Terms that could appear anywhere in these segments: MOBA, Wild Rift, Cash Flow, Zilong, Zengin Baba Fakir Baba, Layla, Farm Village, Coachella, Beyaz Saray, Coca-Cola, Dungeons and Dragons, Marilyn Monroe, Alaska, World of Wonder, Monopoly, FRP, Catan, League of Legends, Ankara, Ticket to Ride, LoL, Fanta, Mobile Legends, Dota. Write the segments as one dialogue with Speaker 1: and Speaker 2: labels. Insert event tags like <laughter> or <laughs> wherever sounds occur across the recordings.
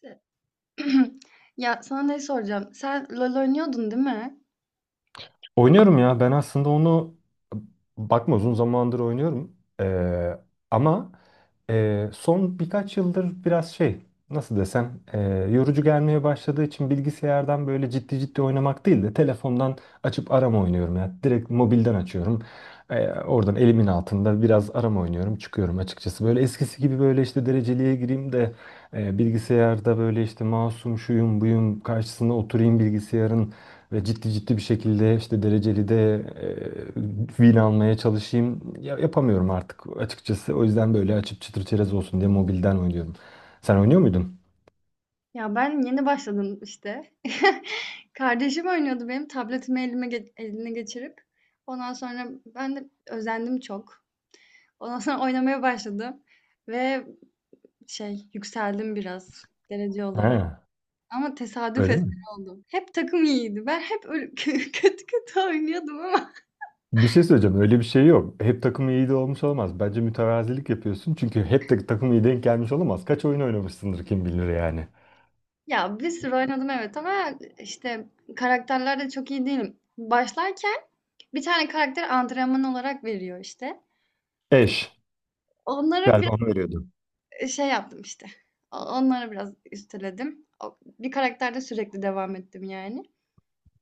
Speaker 1: Se <clears throat> Ya, sana ne soracağım? Sen LoL oynuyordun, değil mi?
Speaker 2: Oynuyorum ya. Ben aslında onu bakma uzun zamandır oynuyorum. Ee, ama son birkaç yıldır biraz şey nasıl desem yorucu gelmeye başladığı için bilgisayardan böyle ciddi ciddi oynamak değil de telefondan açıp arama oynuyorum ya. Direkt mobilden açıyorum. Oradan elimin altında biraz arama oynuyorum. Çıkıyorum açıkçası. Böyle eskisi gibi böyle işte dereceliğe gireyim de bilgisayarda böyle işte mouse'um şuyum buyum karşısına oturayım bilgisayarın ve ciddi ciddi bir şekilde işte dereceli de vin almaya çalışayım. Ya, yapamıyorum artık açıkçası. O yüzden böyle açıp çıtır çerez olsun diye mobilden oynuyorum. Sen oynuyor muydun?
Speaker 1: Ya, ben yeni başladım işte. <laughs> Kardeşim oynuyordu benim tabletimi elime ge eline geçirip. Ondan sonra ben de özendim çok. Ondan sonra <laughs> oynamaya başladım ve yükseldim biraz derece olarak.
Speaker 2: Ha,
Speaker 1: Ama tesadüf
Speaker 2: öyle
Speaker 1: eseri
Speaker 2: mi?
Speaker 1: oldu. Hep takım iyiydi. Ben hep öyle <laughs> kötü kötü oynuyordum ama.
Speaker 2: Bir şey söyleyeceğim. Öyle bir şey yok. Hep takım iyi de olmuş olamaz. Bence mütevazilik yapıyorsun. Çünkü hep de takım iyi denk gelmiş olamaz. Kaç oyun oynamışsındır kim bilir yani.
Speaker 1: Ya, bir sürü oynadım evet, ama işte karakterler de çok iyi değilim. Başlarken bir tane karakter antrenman olarak veriyor işte.
Speaker 2: Eş.
Speaker 1: Onlara
Speaker 2: Galiba
Speaker 1: bir
Speaker 2: onu veriyordun.
Speaker 1: şey yaptım işte. Onlara biraz üsteledim. Bir karakterde sürekli devam ettim yani.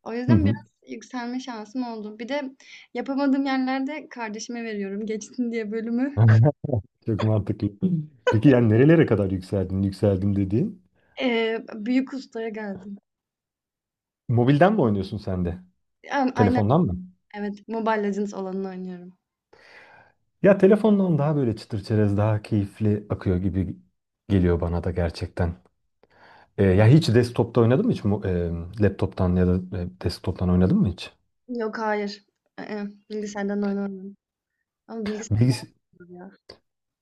Speaker 1: O
Speaker 2: Hı
Speaker 1: yüzden biraz
Speaker 2: hı.
Speaker 1: yükselme şansım oldu. Bir de yapamadığım yerlerde kardeşime veriyorum. Geçsin diye bölümü.
Speaker 2: <laughs> Çok mantıklı. Peki yani nerelere kadar yükseldin? Yükseldim dediğin.
Speaker 1: Büyük ustaya geldim.
Speaker 2: Mobilden mi oynuyorsun sen de?
Speaker 1: Aynen,
Speaker 2: Telefondan mı?
Speaker 1: evet. Mobile Legends olanını oynuyorum.
Speaker 2: Ya telefondan daha böyle çıtır çerez daha keyifli akıyor gibi geliyor bana da gerçekten. Ya hiç desktop'ta oynadın mı hiç? Laptop'tan ya da desktop'tan oynadın mı hiç?
Speaker 1: Yok, hayır. Bilgisayardan oyun oynamıyorum. Ama bilgisayar daha
Speaker 2: Bilgis
Speaker 1: iyi ya.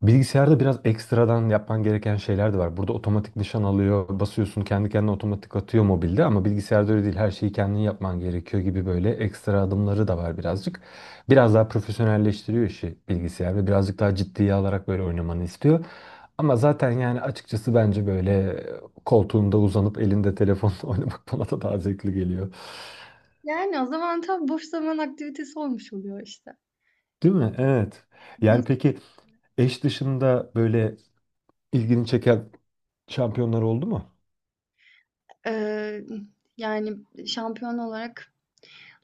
Speaker 2: Bilgisayarda biraz ekstradan yapman gereken şeyler de var. Burada otomatik nişan alıyor, basıyorsun kendi kendine otomatik atıyor mobilde ama bilgisayarda öyle değil. Her şeyi kendin yapman gerekiyor gibi böyle ekstra adımları da var birazcık. Biraz daha profesyonelleştiriyor işi bilgisayar ve birazcık daha ciddiye alarak böyle oynamanı istiyor. Ama zaten yani açıkçası bence böyle koltuğunda uzanıp elinde telefonla <laughs> oynamak bana da daha zevkli geliyor.
Speaker 1: Yani o zaman tam boş zaman aktivitesi olmuş oluyor işte.
Speaker 2: Değil mi? Evet. Yani
Speaker 1: Biraz...
Speaker 2: peki eş dışında böyle ilgini çeken şampiyonlar oldu mu?
Speaker 1: Eee, yani şampiyon olarak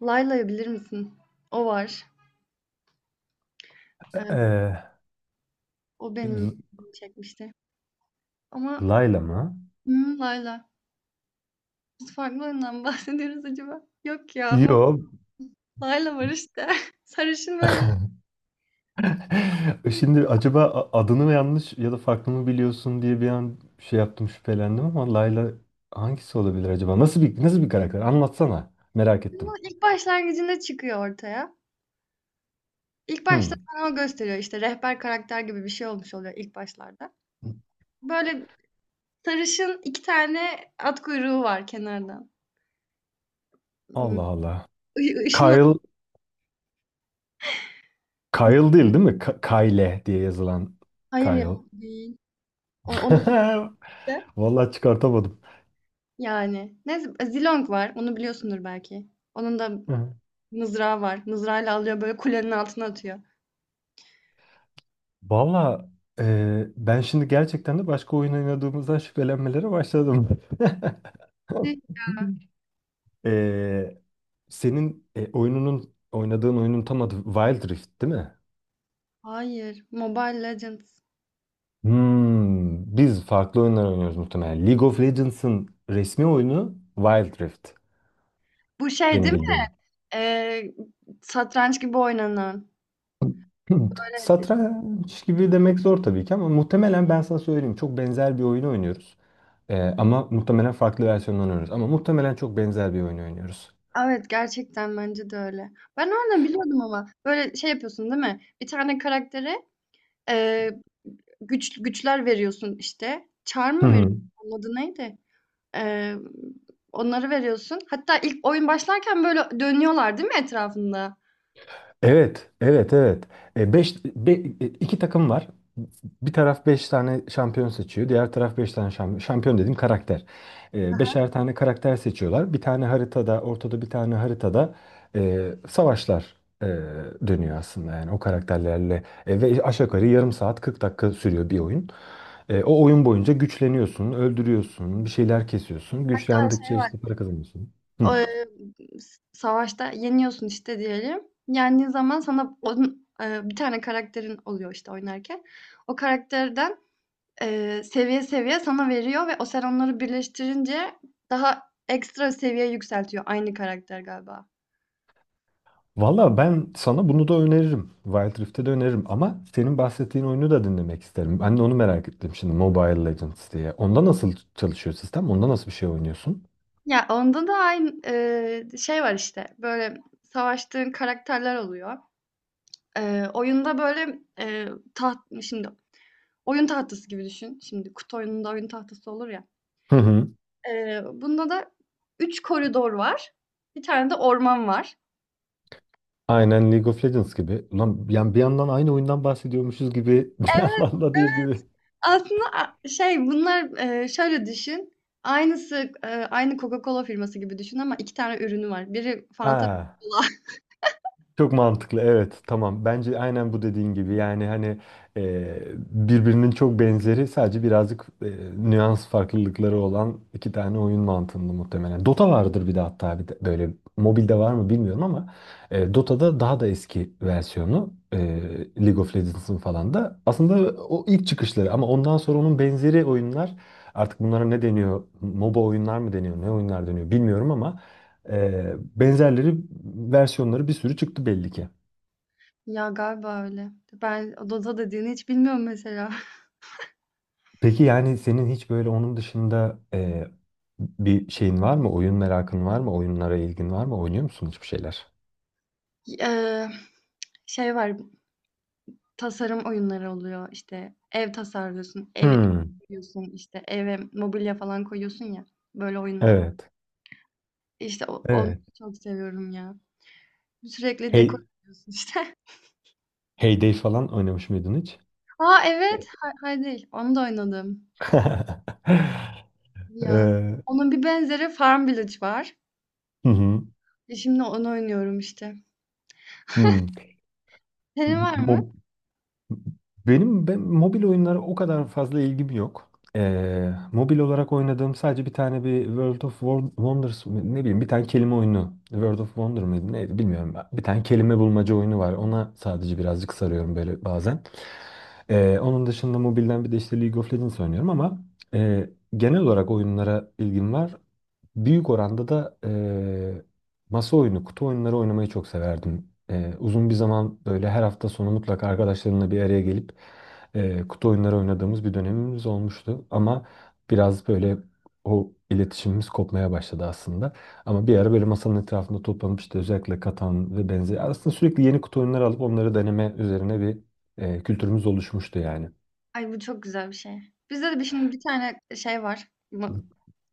Speaker 1: Layla'yı bilir misin? O var. Eee,
Speaker 2: Ee,
Speaker 1: O benim
Speaker 2: L-
Speaker 1: ilgimi çekmişti. Ama
Speaker 2: Layla mı?
Speaker 1: Layla. Biz farklı oyundan mı <laughs> bahsediyoruz acaba? Yok ya, ama
Speaker 2: Yo.
Speaker 1: Layla var işte. <laughs> Sarışın böyle.
Speaker 2: <laughs> Şimdi acaba adını mı yanlış ya da farklı mı biliyorsun diye bir an şey yaptım şüphelendim ama Layla hangisi olabilir acaba? Nasıl bir karakter? Anlatsana. Merak
Speaker 1: Ama
Speaker 2: ettim.
Speaker 1: ilk başlangıcında çıkıyor ortaya. İlk başta
Speaker 2: Hmm.
Speaker 1: sana o gösteriyor işte, rehber karakter gibi bir şey olmuş oluyor ilk başlarda. Böyle sarışın, iki tane at kuyruğu var kenardan. Hmm,
Speaker 2: Allah Allah.
Speaker 1: ı- ışın at-
Speaker 2: Kyle Kyle değil mi? Kyle diye yazılan
Speaker 1: Hayır ya,
Speaker 2: Kyle.
Speaker 1: değil. Onu...
Speaker 2: <laughs> Vallahi çıkartamadım.
Speaker 1: yani, neyse, Zilong var. Onu biliyorsundur belki. Onun da
Speaker 2: Hı.
Speaker 1: mızrağı var. Mızrağıyla alıyor böyle, kulenin altına atıyor.
Speaker 2: Vallahi ben şimdi gerçekten de başka oyun oynadığımızdan şüphelenmelere başladım. <laughs>
Speaker 1: Ne?
Speaker 2: <laughs> Ee, senin oynadığın oyunun tam adı Wild Rift değil mi?
Speaker 1: Hayır. Mobile Legends.
Speaker 2: Hmm, biz farklı oyunlar oynuyoruz muhtemelen. League of Legends'ın resmi oyunu Wild Rift
Speaker 1: Bu şey
Speaker 2: benim
Speaker 1: değil mi?
Speaker 2: bildiğim. <laughs>
Speaker 1: Ee, Satranç gibi oynanan.
Speaker 2: Hmm,
Speaker 1: Böyle,
Speaker 2: satranç gibi demek zor tabii ki ama muhtemelen ben sana söyleyeyim çok benzer bir oyunu oynuyoruz. Ama muhtemelen farklı versiyonlarını oynuyoruz. Ama muhtemelen çok benzer bir oyunu oynuyoruz.
Speaker 1: evet, gerçekten bence de öyle. Ben oradan biliyordum ama. Böyle şey yapıyorsun, değil mi? Bir tane karaktere ee, güçler veriyorsun işte. Çar mı veriyorsun?
Speaker 2: <laughs>
Speaker 1: Onun adı neydi? Emm, Onları veriyorsun. Hatta ilk oyun başlarken böyle dönüyorlar, değil mi, etrafında?
Speaker 2: Evet, evet, evet. E, beş, be- e, iki takım var. Bir taraf beş tane şampiyon seçiyor. Diğer taraf beş tane şampiyon. Şampiyon dediğim karakter.
Speaker 1: Hı
Speaker 2: E,
Speaker 1: hı.
Speaker 2: beşer tane karakter seçiyorlar. Ortada bir tane haritada savaşlar e, dönüyor aslında. Yani o karakterlerle. Ve aşağı yukarı yarım saat 40 dakika sürüyor bir oyun. O oyun boyunca güçleniyorsun, öldürüyorsun, bir şeyler kesiyorsun.
Speaker 1: Hatta şey
Speaker 2: Güçlendikçe
Speaker 1: var,
Speaker 2: işte para kazanıyorsun. Hı.
Speaker 1: emm, s savaşta yeniyorsun işte diyelim. Yendiğin zaman sana onun, bir tane karakterin oluyor işte oynarken. O karakterden, seviye seviye sana veriyor ve sen onları birleştirince daha ekstra seviye yükseltiyor aynı karakter galiba.
Speaker 2: Valla ben sana bunu da öneririm. Wild Rift'e de öneririm ama senin bahsettiğin oyunu da dinlemek isterim. Ben de onu merak ettim şimdi Mobile Legends diye. Onda nasıl çalışıyor sistem? Onda nasıl bir şey oynuyorsun?
Speaker 1: Ya onda da aynı, şey var işte, böyle savaştığın karakterler oluyor. Oyunda böyle, şimdi oyun tahtası gibi düşün. Şimdi kutu oyununda oyun tahtası olur ya.
Speaker 2: Hı hı.
Speaker 1: Bunda da 3 koridor var. Bir tane de orman var.
Speaker 2: Aynen League of Legends gibi. Ulan yani bir yandan aynı oyundan bahsediyormuşuz gibi <laughs> bir
Speaker 1: Evet,
Speaker 2: yandan da değil
Speaker 1: evet.
Speaker 2: gibi.
Speaker 1: Aslında şey bunlar, şöyle düşün, aynısı, aynı Coca-Cola firması gibi düşün, ama 2 tane ürünü var. Biri Fanta,
Speaker 2: Aa.
Speaker 1: biri Cola. <laughs>
Speaker 2: Çok mantıklı, evet, tamam, bence aynen bu dediğin gibi yani hani e, birbirinin çok benzeri sadece birazcık nüans farklılıkları olan iki tane oyun mantığında muhtemelen. Dota vardır bir de hatta bir de böyle mobilde var mı bilmiyorum ama Dota'da daha da eski versiyonu League of Legends'ın falan da aslında o ilk çıkışları ama ondan sonra onun benzeri oyunlar artık bunlara ne deniyor, MOBA oyunlar mı deniyor ne oyunlar deniyor bilmiyorum ama benzerleri versiyonları bir sürü çıktı belli ki.
Speaker 1: Ya, galiba öyle. Ben Dota dediğini hiç bilmiyorum mesela.
Speaker 2: Peki yani senin hiç böyle onun dışında bir şeyin var mı? Oyun merakın var mı? Oyunlara ilgin var mı? Oynuyor musun hiçbir şeyler?
Speaker 1: <laughs> Eee, Şey var. Tasarım oyunları oluyor, işte ev tasarlıyorsun, ev
Speaker 2: Hmm,
Speaker 1: yapıyorsun, işte eve mobilya falan koyuyorsun ya, böyle oyunlar var.
Speaker 2: evet.
Speaker 1: İşte onu
Speaker 2: Evet.
Speaker 1: çok seviyorum ya. Sürekli dekor
Speaker 2: Hey,
Speaker 1: yapıyorsun işte.
Speaker 2: Heyday falan oynamış mıydın hiç?
Speaker 1: <laughs> A, evet! Hay Hay değil, onu da oynadım.
Speaker 2: <laughs>
Speaker 1: Ya,
Speaker 2: Ee,
Speaker 1: onun bir benzeri Farm Village var.
Speaker 2: hı hı.
Speaker 1: Şimdi onu oynuyorum işte.
Speaker 2: Hmm.
Speaker 1: Senin var
Speaker 2: Mo-
Speaker 1: mı?
Speaker 2: ben mobil oyunlara o kadar fazla ilgim yok. Mobil olarak oynadığım sadece bir tane bir World of Wonders ne bileyim bir tane kelime oyunu. World of Wonder mıydı neydi bilmiyorum. Bir tane kelime bulmaca oyunu var. Ona sadece birazcık sarıyorum böyle bazen. Onun dışında mobilden bir de işte League of Legends oynuyorum ama e, genel olarak oyunlara ilgim var. Büyük oranda da masa oyunu, kutu oyunları oynamayı çok severdim. Uzun bir zaman böyle her hafta sonu mutlaka arkadaşlarımla bir araya gelip kutu oyunları oynadığımız bir dönemimiz olmuştu. Ama biraz böyle o iletişimimiz kopmaya başladı aslında. Ama bir ara böyle masanın etrafında toplanıp işte özellikle Katan ve benzeri aslında sürekli yeni kutu oyunları alıp onları deneme üzerine bir kültürümüz oluşmuştu yani.
Speaker 1: Ay, bu çok güzel bir şey. Bizde de şimdi bir tane şey var,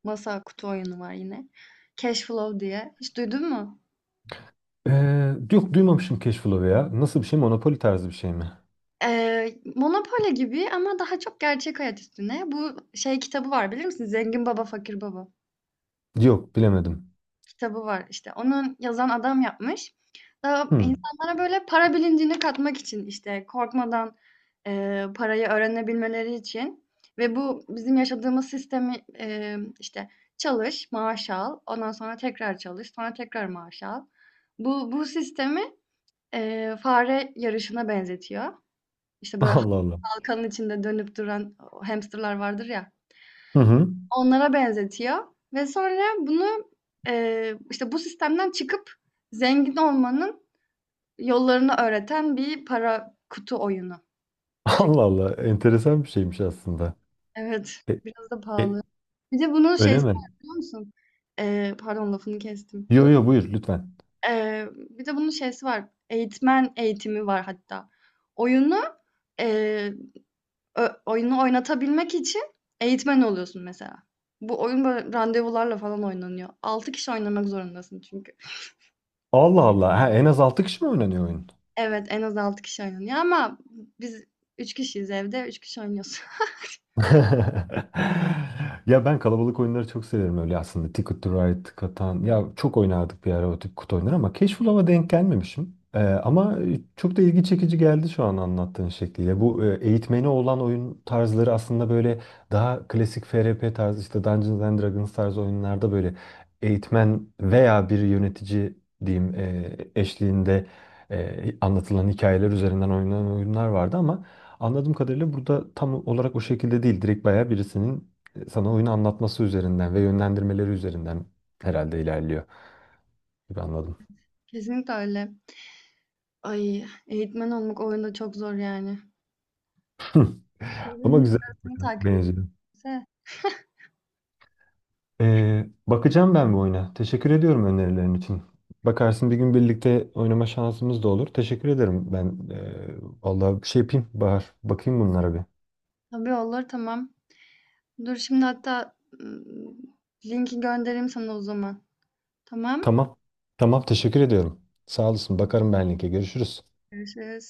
Speaker 1: masa, kutu oyunu var yine. Cash Flow diye. Hiç duydun mu?
Speaker 2: Yok, duymamışım Cash Flow'u ya. Nasıl bir şey? Monopoly tarzı bir şey mi?
Speaker 1: Monopoly gibi ama daha çok gerçek hayat üstüne. Bu şey, kitabı var, bilir misin? Zengin Baba Fakir Baba
Speaker 2: Yok bilemedim.
Speaker 1: kitabı var. İşte onun yazan adam yapmış. Daha
Speaker 2: Hmm.
Speaker 1: insanlara böyle para bilincini katmak için, işte korkmadan parayı öğrenebilmeleri için, ve bu bizim yaşadığımız sistemi işte çalış, maaş al, ondan sonra tekrar çalış, sonra tekrar maaş al. Bu sistemi fare yarışına benzetiyor. İşte böyle
Speaker 2: Allah Allah.
Speaker 1: bakanın içinde dönüp duran o hamsterlar vardır ya,
Speaker 2: Hı hı.
Speaker 1: onlara benzetiyor ve sonra bunu, işte, bu sistemden çıkıp zengin olmanın yollarını öğreten bir para kutu oyunu. O şekilde.
Speaker 2: Allah Allah. Enteresan bir şeymiş aslında.
Speaker 1: Evet,
Speaker 2: E,
Speaker 1: biraz da
Speaker 2: e,
Speaker 1: pahalı. Bir de bunun
Speaker 2: öyle
Speaker 1: şeysi var,
Speaker 2: mi?
Speaker 1: biliyor musun? Pardon, lafını kestim.
Speaker 2: Yo, yo, buyur lütfen.
Speaker 1: Bir de bunun şeysi var, eğitmen eğitimi var hatta. Oyunu, eee oyunu oynatabilmek için eğitmen oluyorsun mesela. Bu oyun böyle randevularla falan oynanıyor. 6 kişi oynamak zorundasın çünkü.
Speaker 2: Allah Allah. Ha, en az 6 kişi mi oynanıyor oyun?
Speaker 1: Evet, en az 6 kişi oynanıyor, ama biz 3 kişiyiz evde, 3 kişi oynuyoruz. <laughs>
Speaker 2: <laughs> Ya ben kalabalık oyunları çok severim öyle aslında. Ticket to Ride, Catan. Ya çok oynardık bir ara o tip kutu oyunları ama Cashflow'a denk gelmemişim. Ama çok da ilgi çekici geldi şu an anlattığın şekliyle. Bu eğitmeni olan oyun tarzları aslında böyle daha klasik FRP tarzı işte Dungeons and Dragons tarzı oyunlarda böyle eğitmen veya bir yönetici diyeyim eşliğinde anlatılan hikayeler üzerinden oynanan oyunlar vardı ama anladığım kadarıyla burada tam olarak o şekilde değil. Direkt bayağı birisinin sana oyunu anlatması üzerinden ve yönlendirmeleri üzerinden herhalde ilerliyor gibi anladım.
Speaker 1: Kesinlikle öyle. Ay, eğitmen olmak oyunda çok zor yani.
Speaker 2: <laughs> Ama
Speaker 1: Birbirinin
Speaker 2: güzel bir
Speaker 1: arasını
Speaker 2: oyuna
Speaker 1: takip
Speaker 2: benziyor.
Speaker 1: edecekse.
Speaker 2: Bakacağım ben bu oyuna. Teşekkür ediyorum önerilerin için. Bakarsın bir gün birlikte oynama şansımız da olur. Teşekkür ederim ben. Vallahi bir şey yapayım Bahar. Bakayım bunlara bir.
Speaker 1: Tabii, olur, tamam. Dur, şimdi hatta linki göndereyim sana o zaman. Tamam.
Speaker 2: Tamam. Tamam, teşekkür ediyorum. Sağ olasın. Bakarım ben linke. Görüşürüz.
Speaker 1: Görüşürüz.